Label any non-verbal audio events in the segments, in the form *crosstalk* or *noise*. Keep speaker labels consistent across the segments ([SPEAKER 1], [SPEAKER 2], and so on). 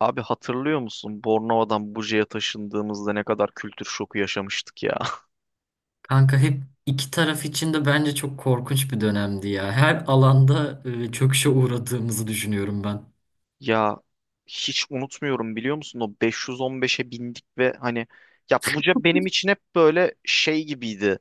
[SPEAKER 1] Abi, hatırlıyor musun? Bornova'dan Buca'ya taşındığımızda ne kadar kültür şoku yaşamıştık ya. *laughs*
[SPEAKER 2] Kanka hep iki taraf için de bence çok korkunç bir dönemdi ya. Her alanda çöküşe uğradığımızı düşünüyorum ben.
[SPEAKER 1] Ya, hiç unutmuyorum, biliyor musun? O 515'e bindik ve hani, ya Buca benim için hep böyle şey gibiydi.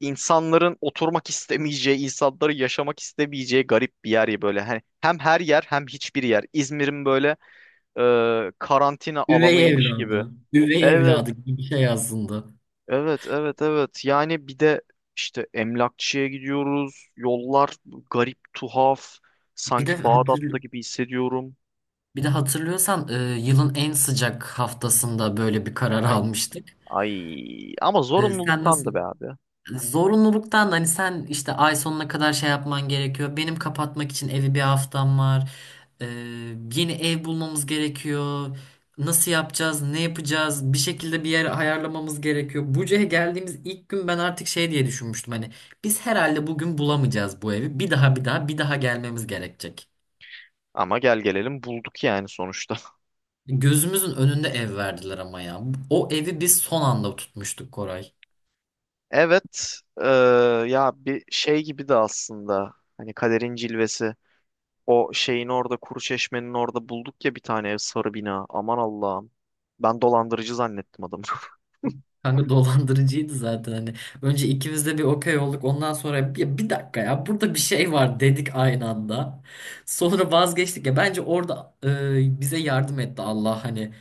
[SPEAKER 1] İnsanların oturmak istemeyeceği, insanların yaşamak istemeyeceği garip bir yer ya böyle. Hani hem her yer hem hiçbir yer. İzmir'in böyle e, karantina
[SPEAKER 2] Üvey
[SPEAKER 1] alanıymış gibi.
[SPEAKER 2] evladı, üvey
[SPEAKER 1] Evet.
[SPEAKER 2] evladı gibi bir şey aslında.
[SPEAKER 1] Evet, evet, evet. Yani bir de işte emlakçıya gidiyoruz. Yollar garip, tuhaf.
[SPEAKER 2] Bir de
[SPEAKER 1] Sanki Bağdat'ta
[SPEAKER 2] hatırl
[SPEAKER 1] gibi hissediyorum.
[SPEAKER 2] bir de hatırlıyorsan yılın en sıcak haftasında böyle bir karar
[SPEAKER 1] Ay,
[SPEAKER 2] almıştık.
[SPEAKER 1] ay. Ama
[SPEAKER 2] E, sen
[SPEAKER 1] zorunluluktandı
[SPEAKER 2] nasıl
[SPEAKER 1] be abi.
[SPEAKER 2] Zorunluluktan da hani sen işte ay sonuna kadar şey yapman gerekiyor. Benim kapatmak için evi bir haftam var. Ee, yeni ev bulmamız gerekiyor. Nasıl yapacağız? Ne yapacağız? Bir şekilde bir yer ayarlamamız gerekiyor. Buca'ya geldiğimiz ilk gün ben artık şey diye düşünmüştüm. Hani biz herhalde bugün bulamayacağız bu evi. Bir daha bir daha bir daha gelmemiz gerekecek.
[SPEAKER 1] Ama gel gelelim bulduk yani sonuçta. *laughs*
[SPEAKER 2] Gözümüzün önünde ev verdiler ama ya. O evi biz son anda tutmuştuk Koray.
[SPEAKER 1] Evet, ya bir şey gibi de aslında. Hani, kaderin cilvesi. O şeyin orada, kuru çeşmenin orada bulduk ya bir tane ev, sarı bina. Aman Allah'ım. Ben dolandırıcı zannettim adamı. *laughs*
[SPEAKER 2] Kanka dolandırıcıydı zaten hani. Önce ikimiz de bir okey olduk. Ondan sonra bir dakika ya burada bir şey var dedik aynı anda. Sonra vazgeçtik ya. Bence orada bize yardım etti Allah hani.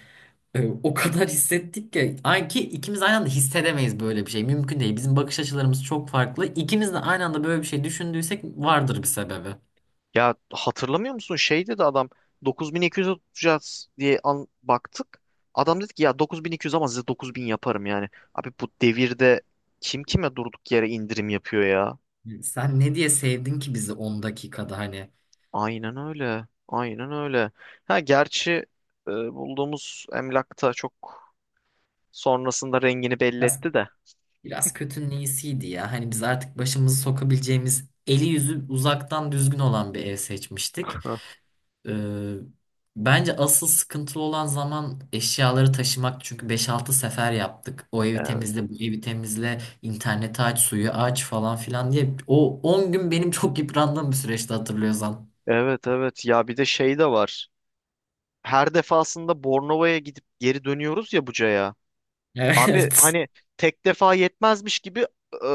[SPEAKER 2] E, o kadar hissettik ki. Ay ki ikimiz aynı anda hissedemeyiz böyle bir şey. Mümkün değil. Bizim bakış açılarımız çok farklı. İkimiz de aynı anda böyle bir şey düşündüysek vardır bir sebebi.
[SPEAKER 1] Ya, hatırlamıyor musun? Şey dedi adam, 9200'e tutacağız diye an baktık. Adam dedi ki ya, 9.200 ama size 9.000 yaparım yani. Abi, bu devirde kim kime durduk yere indirim yapıyor ya?
[SPEAKER 2] Sen ne diye sevdin ki bizi 10 dakikada hani?
[SPEAKER 1] Aynen öyle. Aynen öyle. Ha gerçi bulduğumuz emlakta çok sonrasında rengini belli
[SPEAKER 2] Ya,
[SPEAKER 1] etti de.
[SPEAKER 2] biraz kötünün iyisiydi ya. Hani biz artık başımızı sokabileceğimiz eli yüzü uzaktan düzgün olan bir ev seçmiştik. Ee, bence asıl sıkıntılı olan zaman eşyaları taşımak. Çünkü beş altı sefer yaptık. O evi
[SPEAKER 1] *laughs*
[SPEAKER 2] temizle, bu evi temizle, interneti aç, suyu aç falan filan diye. O 10 gün benim çok yıprandığım bir süreçti hatırlıyorsan.
[SPEAKER 1] Evet, evet, ya bir de şey de var. Her defasında Bornova'ya gidip geri dönüyoruz ya Buca'ya. Abi
[SPEAKER 2] Evet.
[SPEAKER 1] hani,
[SPEAKER 2] *laughs*
[SPEAKER 1] tek defa yetmezmiş gibi e,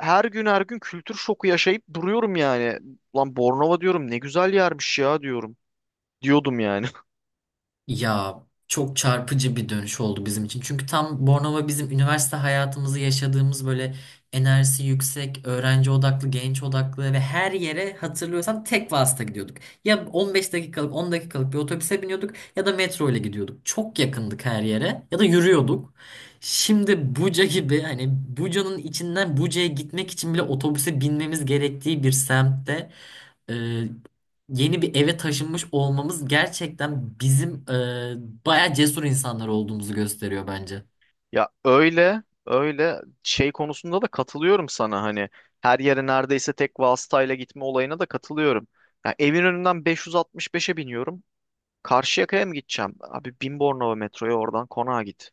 [SPEAKER 1] her gün her gün kültür şoku yaşayıp duruyorum yani. Lan Bornova diyorum, ne güzel yermiş ya diyorum. Diyordum yani. *laughs*
[SPEAKER 2] Ya, çok çarpıcı bir dönüş oldu bizim için. Çünkü tam Bornova bizim üniversite hayatımızı yaşadığımız böyle enerjisi yüksek, öğrenci odaklı, genç odaklı ve her yere hatırlıyorsan tek vasıta gidiyorduk. Ya 15 dakikalık, 10 dakikalık bir otobüse biniyorduk ya da metro ile gidiyorduk. Çok yakındık her yere ya da yürüyorduk. Şimdi Buca gibi hani Buca'nın içinden Buca'ya gitmek için bile otobüse binmemiz gerektiği bir semtte e, yeni bir eve taşınmış olmamız gerçekten bizim bayağı cesur insanlar olduğumuzu gösteriyor bence.
[SPEAKER 1] Ya öyle öyle, şey konusunda da katılıyorum sana, hani her yere neredeyse tek vasıtayla gitme olayına da katılıyorum. Ya, evin önünden 565'e biniyorum. Karşıyaka'ya mı gideceğim? Abi, bin Bornova metroya, oradan konağa git.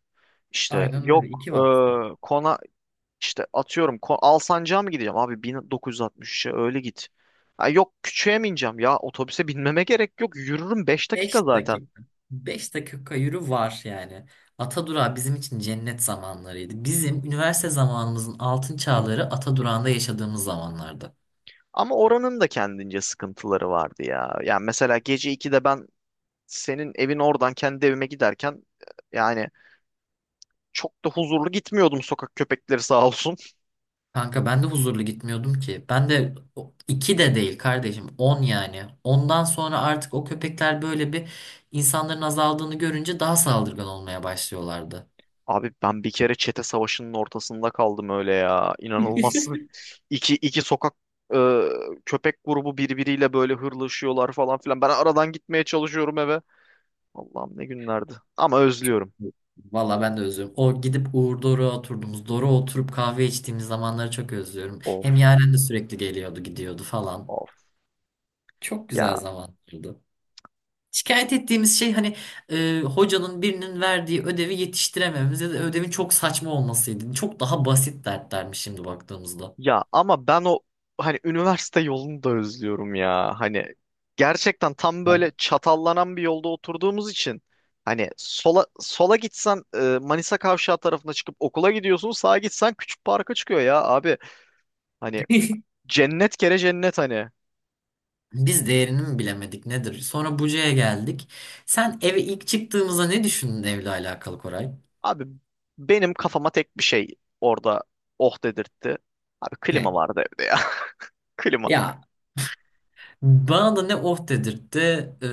[SPEAKER 1] İşte
[SPEAKER 2] Aynen öyle.
[SPEAKER 1] yok
[SPEAKER 2] İki vasıta.
[SPEAKER 1] e, kona işte atıyorum kon, Alsancak'a mı gideceğim abi, 1963'e öyle git. Ha, yok küçüğe mi ineceğim, ya otobüse binmeme gerek yok, yürürüm 5 dakika
[SPEAKER 2] Beş
[SPEAKER 1] zaten.
[SPEAKER 2] dakika. Beş dakika yürü var yani. Atadurağı bizim için cennet zamanlarıydı. Bizim üniversite zamanımızın altın çağları Atadurağı'nda yaşadığımız zamanlardı.
[SPEAKER 1] Ama oranın da kendince sıkıntıları vardı ya. Yani mesela gece 2'de ben senin evin oradan kendi evime giderken yani çok da huzurlu gitmiyordum, sokak köpekleri sağ olsun.
[SPEAKER 2] Kanka ben de huzurlu gitmiyordum ki. Ben de iki de değil kardeşim. On yani. Ondan sonra artık o köpekler böyle bir insanların azaldığını görünce daha saldırgan olmaya başlıyorlardı.
[SPEAKER 1] Abi, ben bir kere çete savaşının ortasında kaldım öyle ya. İnanılmazsın.
[SPEAKER 2] *laughs*
[SPEAKER 1] *laughs* İki sokak e, köpek grubu birbiriyle böyle hırlaşıyorlar falan filan. Ben aradan gitmeye çalışıyorum eve. Allah'ım, ne günlerdi. Ama özlüyorum.
[SPEAKER 2] Valla ben de özlüyorum. O gidip Uğur Doruk'a oturduğumuz, Doruk'a oturup kahve içtiğimiz zamanları çok özlüyorum.
[SPEAKER 1] Of,
[SPEAKER 2] Hem Yaren de sürekli geliyordu, gidiyordu falan.
[SPEAKER 1] of
[SPEAKER 2] Çok güzel
[SPEAKER 1] ya.
[SPEAKER 2] zamanlardı. Şikayet ettiğimiz şey hani hocanın birinin verdiği ödevi yetiştiremememiz ya da ödevin çok saçma olmasıydı. Çok daha basit dertlermiş şimdi baktığımızda.
[SPEAKER 1] Ya ama ben o, hani üniversite yolunu da özlüyorum ya. Hani gerçekten tam
[SPEAKER 2] Evet.
[SPEAKER 1] böyle çatallanan bir yolda oturduğumuz için, hani sola gitsen Manisa Kavşağı tarafına çıkıp okula gidiyorsun. Sağa gitsen Küçük Park'a çıkıyor ya abi. Hani
[SPEAKER 2] *laughs*
[SPEAKER 1] cennet kere cennet hani.
[SPEAKER 2] Biz değerini mi bilemedik nedir? Sonra Buca'ya geldik. Sen eve ilk çıktığımızda ne düşündün evle alakalı Koray?
[SPEAKER 1] Abi, benim kafama tek bir şey orada oh dedirtti. Abi, klima
[SPEAKER 2] Ne?
[SPEAKER 1] vardı evde ya. *laughs* Klima.
[SPEAKER 2] Ya, bana da ne oh dedirtti. Ee,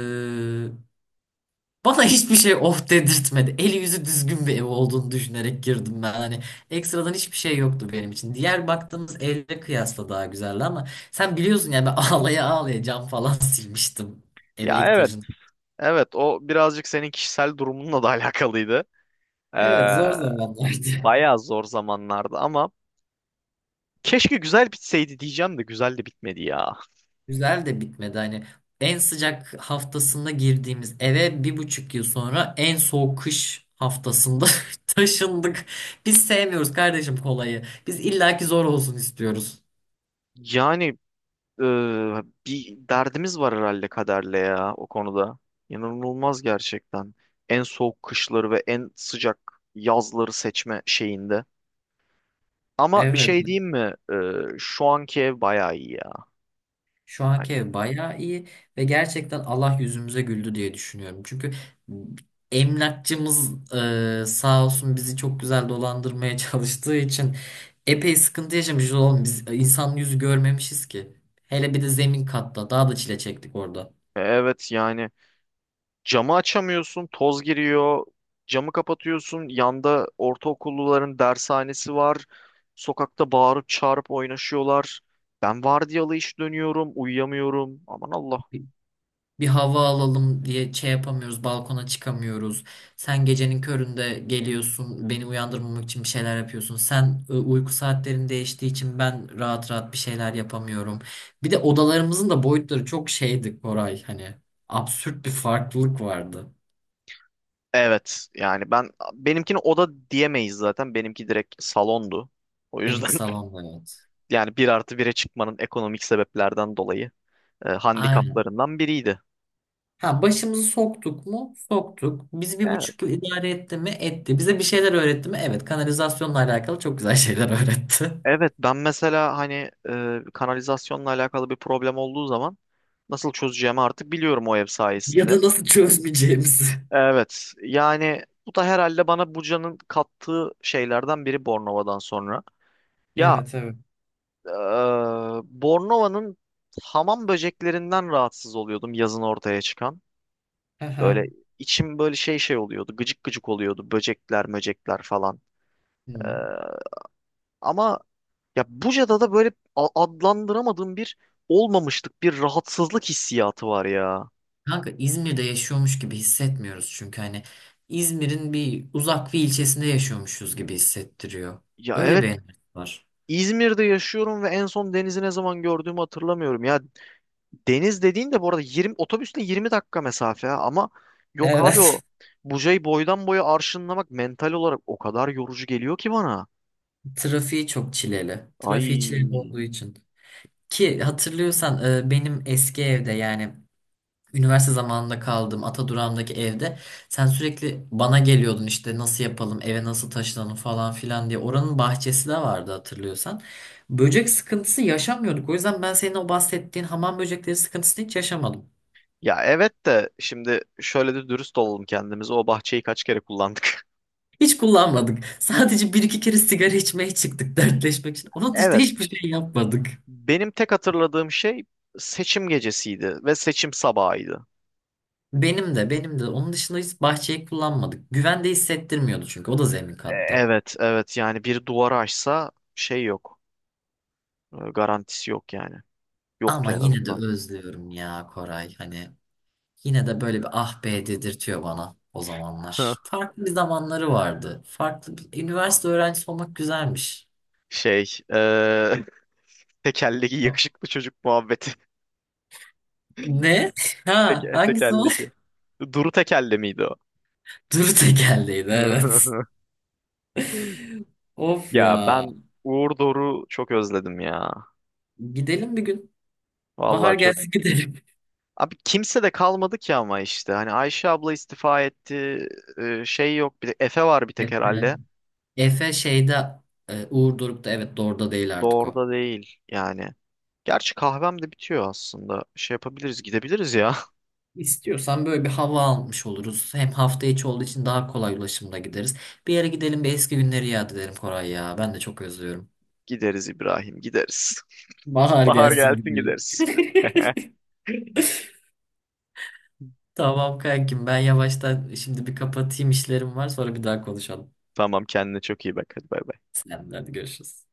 [SPEAKER 2] Bana hiçbir şey of dedirtmedi. Eli yüzü düzgün bir ev olduğunu düşünerek girdim ben. Hani ekstradan hiçbir şey yoktu benim için. Diğer baktığımız evle kıyasla daha güzeldi ama sen biliyorsun yani ben *laughs* ağlaya ağlaya cam falan *laughs* silmiştim eve
[SPEAKER 1] Ya
[SPEAKER 2] ilk
[SPEAKER 1] evet.
[SPEAKER 2] taşın.
[SPEAKER 1] Evet, o birazcık senin kişisel durumunla da *laughs* alakalıydı. Ee,
[SPEAKER 2] Evet, zor zamanlardı.
[SPEAKER 1] Bayağı
[SPEAKER 2] *laughs*
[SPEAKER 1] zor zamanlardı ama keşke güzel bitseydi diyeceğim, de güzel de bitmedi ya.
[SPEAKER 2] Güzel de bitmedi. Hani en sıcak haftasında girdiğimiz eve bir buçuk yıl sonra en soğuk kış haftasında *laughs* taşındık. Biz sevmiyoruz kardeşim kolayı. Biz illaki zor olsun istiyoruz.
[SPEAKER 1] Yani bir derdimiz var herhalde kaderle ya, o konuda. İnanılmaz gerçekten. En soğuk kışları ve en sıcak yazları seçme şeyinde. Ama bir
[SPEAKER 2] Evet.
[SPEAKER 1] şey diyeyim mi? Şu anki ev bayağı iyi ya.
[SPEAKER 2] Şu
[SPEAKER 1] Hani,
[SPEAKER 2] anki ev bayağı iyi ve gerçekten Allah yüzümüze güldü diye düşünüyorum. Çünkü emlakçımız sağ olsun bizi çok güzel dolandırmaya *laughs* çalıştığı için epey sıkıntı yaşamışız oğlum. Biz insan yüzü görmemişiz ki. Hele bir de zemin katta daha da çile çektik orada.
[SPEAKER 1] evet yani camı açamıyorsun, toz giriyor. Camı kapatıyorsun. Yanda ortaokulluların dershanesi var. Sokakta bağırıp çağırıp oynaşıyorlar. Ben vardiyalı iş dönüyorum, uyuyamıyorum. Aman Allah.
[SPEAKER 2] Bir hava alalım diye şey yapamıyoruz, balkona çıkamıyoruz. Sen gecenin köründe geliyorsun, beni uyandırmamak için bir şeyler yapıyorsun. Sen uyku saatlerin değiştiği için ben rahat rahat bir şeyler yapamıyorum. Bir de odalarımızın da boyutları çok şeydi Koray hani absürt bir farklılık vardı.
[SPEAKER 1] Evet yani ben benimkini oda diyemeyiz zaten. Benimki direkt salondu. O
[SPEAKER 2] Seninki
[SPEAKER 1] yüzden
[SPEAKER 2] salonda,
[SPEAKER 1] *laughs*
[SPEAKER 2] evet.
[SPEAKER 1] yani bir artı bire çıkmanın ekonomik sebeplerden dolayı
[SPEAKER 2] Aynen.
[SPEAKER 1] handikaplarından biriydi.
[SPEAKER 2] Ha, başımızı soktuk mu? Soktuk. Bizi bir
[SPEAKER 1] Evet.
[SPEAKER 2] buçuk yıl idare etti mi? Etti. Bize bir şeyler öğretti mi? Evet. Kanalizasyonla alakalı çok güzel şeyler öğretti. *laughs*
[SPEAKER 1] Evet, ben mesela hani kanalizasyonla alakalı bir problem olduğu zaman nasıl çözeceğimi artık biliyorum, o ev
[SPEAKER 2] Ya
[SPEAKER 1] sayesinde.
[SPEAKER 2] da nasıl çözmeyeceğimizi.
[SPEAKER 1] Evet yani bu da herhalde bana Buca'nın kattığı şeylerden biri, Bornova'dan sonra. Ya,
[SPEAKER 2] Evet, evet.
[SPEAKER 1] Ee, Bornova'nın hamam böceklerinden rahatsız oluyordum, yazın ortaya çıkan.
[SPEAKER 2] Hı
[SPEAKER 1] Böyle
[SPEAKER 2] hı.
[SPEAKER 1] içim böyle şey oluyordu. Gıcık gıcık oluyordu. Böcekler, möcekler falan. Ee,
[SPEAKER 2] Hı.
[SPEAKER 1] Ama ya Buca'da da böyle adlandıramadığım bir olmamışlık, bir rahatsızlık hissiyatı var ya.
[SPEAKER 2] Kanka İzmir'de yaşıyormuş gibi hissetmiyoruz çünkü hani İzmir'in bir uzak bir ilçesinde yaşıyormuşuz gibi hissettiriyor.
[SPEAKER 1] Ya
[SPEAKER 2] Öyle
[SPEAKER 1] evet,
[SPEAKER 2] bir enerji var.
[SPEAKER 1] İzmir'de yaşıyorum ve en son denizi ne zaman gördüğümü hatırlamıyorum. Ya, deniz dediğin de bu arada 20 otobüsle 20 dakika mesafe ha. Ama yok abi, o
[SPEAKER 2] Evet.
[SPEAKER 1] Buca'yı boydan boya arşınlamak mental olarak o kadar yorucu geliyor ki bana.
[SPEAKER 2] *laughs* Trafiği çok çileli.
[SPEAKER 1] Ay,
[SPEAKER 2] Trafiği çileli olduğu için. Ki hatırlıyorsan benim eski evde yani üniversite zamanında kaldığım Atadurağım'daki evde sen sürekli bana geliyordun işte nasıl yapalım eve nasıl taşınalım falan filan diye. Oranın bahçesi de vardı hatırlıyorsan. Böcek sıkıntısı yaşamıyorduk. O yüzden ben senin o bahsettiğin hamam böcekleri sıkıntısını hiç yaşamadım.
[SPEAKER 1] ya evet, de şimdi şöyle de dürüst olalım kendimize, o bahçeyi kaç kere kullandık? *laughs*
[SPEAKER 2] Hiç kullanmadık. Sadece bir iki kere sigara içmeye çıktık dertleşmek için. Onun dışında
[SPEAKER 1] Evet,
[SPEAKER 2] hiçbir şey yapmadık.
[SPEAKER 1] benim tek hatırladığım şey seçim gecesiydi ve seçim sabahıydı.
[SPEAKER 2] Benim de, benim de. Onun dışında hiç bahçeyi kullanmadık. Güvende hissettirmiyordu çünkü o da zemin kattı.
[SPEAKER 1] Evet, evet yani bir duvarı aşsa şey yok. Garantisi yok yani, yoktu
[SPEAKER 2] Ama
[SPEAKER 1] en
[SPEAKER 2] yine de
[SPEAKER 1] azından.
[SPEAKER 2] özlüyorum ya Koray. Hani yine de böyle bir ah be dedirtiyor bana o zamanlar.
[SPEAKER 1] *laughs*
[SPEAKER 2] Farklı bir zamanları vardı. Farklı bir üniversite öğrencisi olmak güzelmiş.
[SPEAKER 1] Şey, tekerleki yakışıklı çocuk muhabbeti.
[SPEAKER 2] Ne? *laughs*
[SPEAKER 1] *laughs*
[SPEAKER 2] Ha, hangisi o?
[SPEAKER 1] Tekerleki. Duru tekerle miydi o?
[SPEAKER 2] *laughs* Duru tekerleğiydi, evet.
[SPEAKER 1] *laughs*
[SPEAKER 2] *laughs* Of
[SPEAKER 1] Ya
[SPEAKER 2] ya.
[SPEAKER 1] ben Uğur Doruk'u çok özledim ya.
[SPEAKER 2] Gidelim bir gün. Bahar
[SPEAKER 1] Vallahi çok.
[SPEAKER 2] gelsin gidelim.
[SPEAKER 1] Abi, kimse de kalmadı ki ama işte. Hani Ayşe abla istifa etti. Şey yok. Bir de Efe var bir
[SPEAKER 2] *laughs*
[SPEAKER 1] tek
[SPEAKER 2] Efe.
[SPEAKER 1] herhalde.
[SPEAKER 2] Efe şeyde Uğur Doruk'ta, evet, Dor'da değil artık o.
[SPEAKER 1] Doğru'da değil yani. Gerçi kahvem de bitiyor aslında. Şey yapabiliriz, gidebiliriz ya.
[SPEAKER 2] İstiyorsan böyle bir hava almış oluruz. Hem hafta içi olduğu için daha kolay ulaşımda gideriz. Bir yere gidelim, bir eski günleri yad edelim Koray ya. Ben de çok özlüyorum.
[SPEAKER 1] *laughs* Gideriz İbrahim, gideriz. *laughs*
[SPEAKER 2] Bahar
[SPEAKER 1] Bahar
[SPEAKER 2] gelsin
[SPEAKER 1] gelsin
[SPEAKER 2] gibi.
[SPEAKER 1] gideriz. *laughs*
[SPEAKER 2] *laughs* Tamam kankim, ben yavaştan şimdi bir kapatayım, işlerim var, sonra bir daha konuşalım.
[SPEAKER 1] Tamam, kendine çok iyi bak. Hadi, bay bay.
[SPEAKER 2] Selamlar, hadi görüşürüz.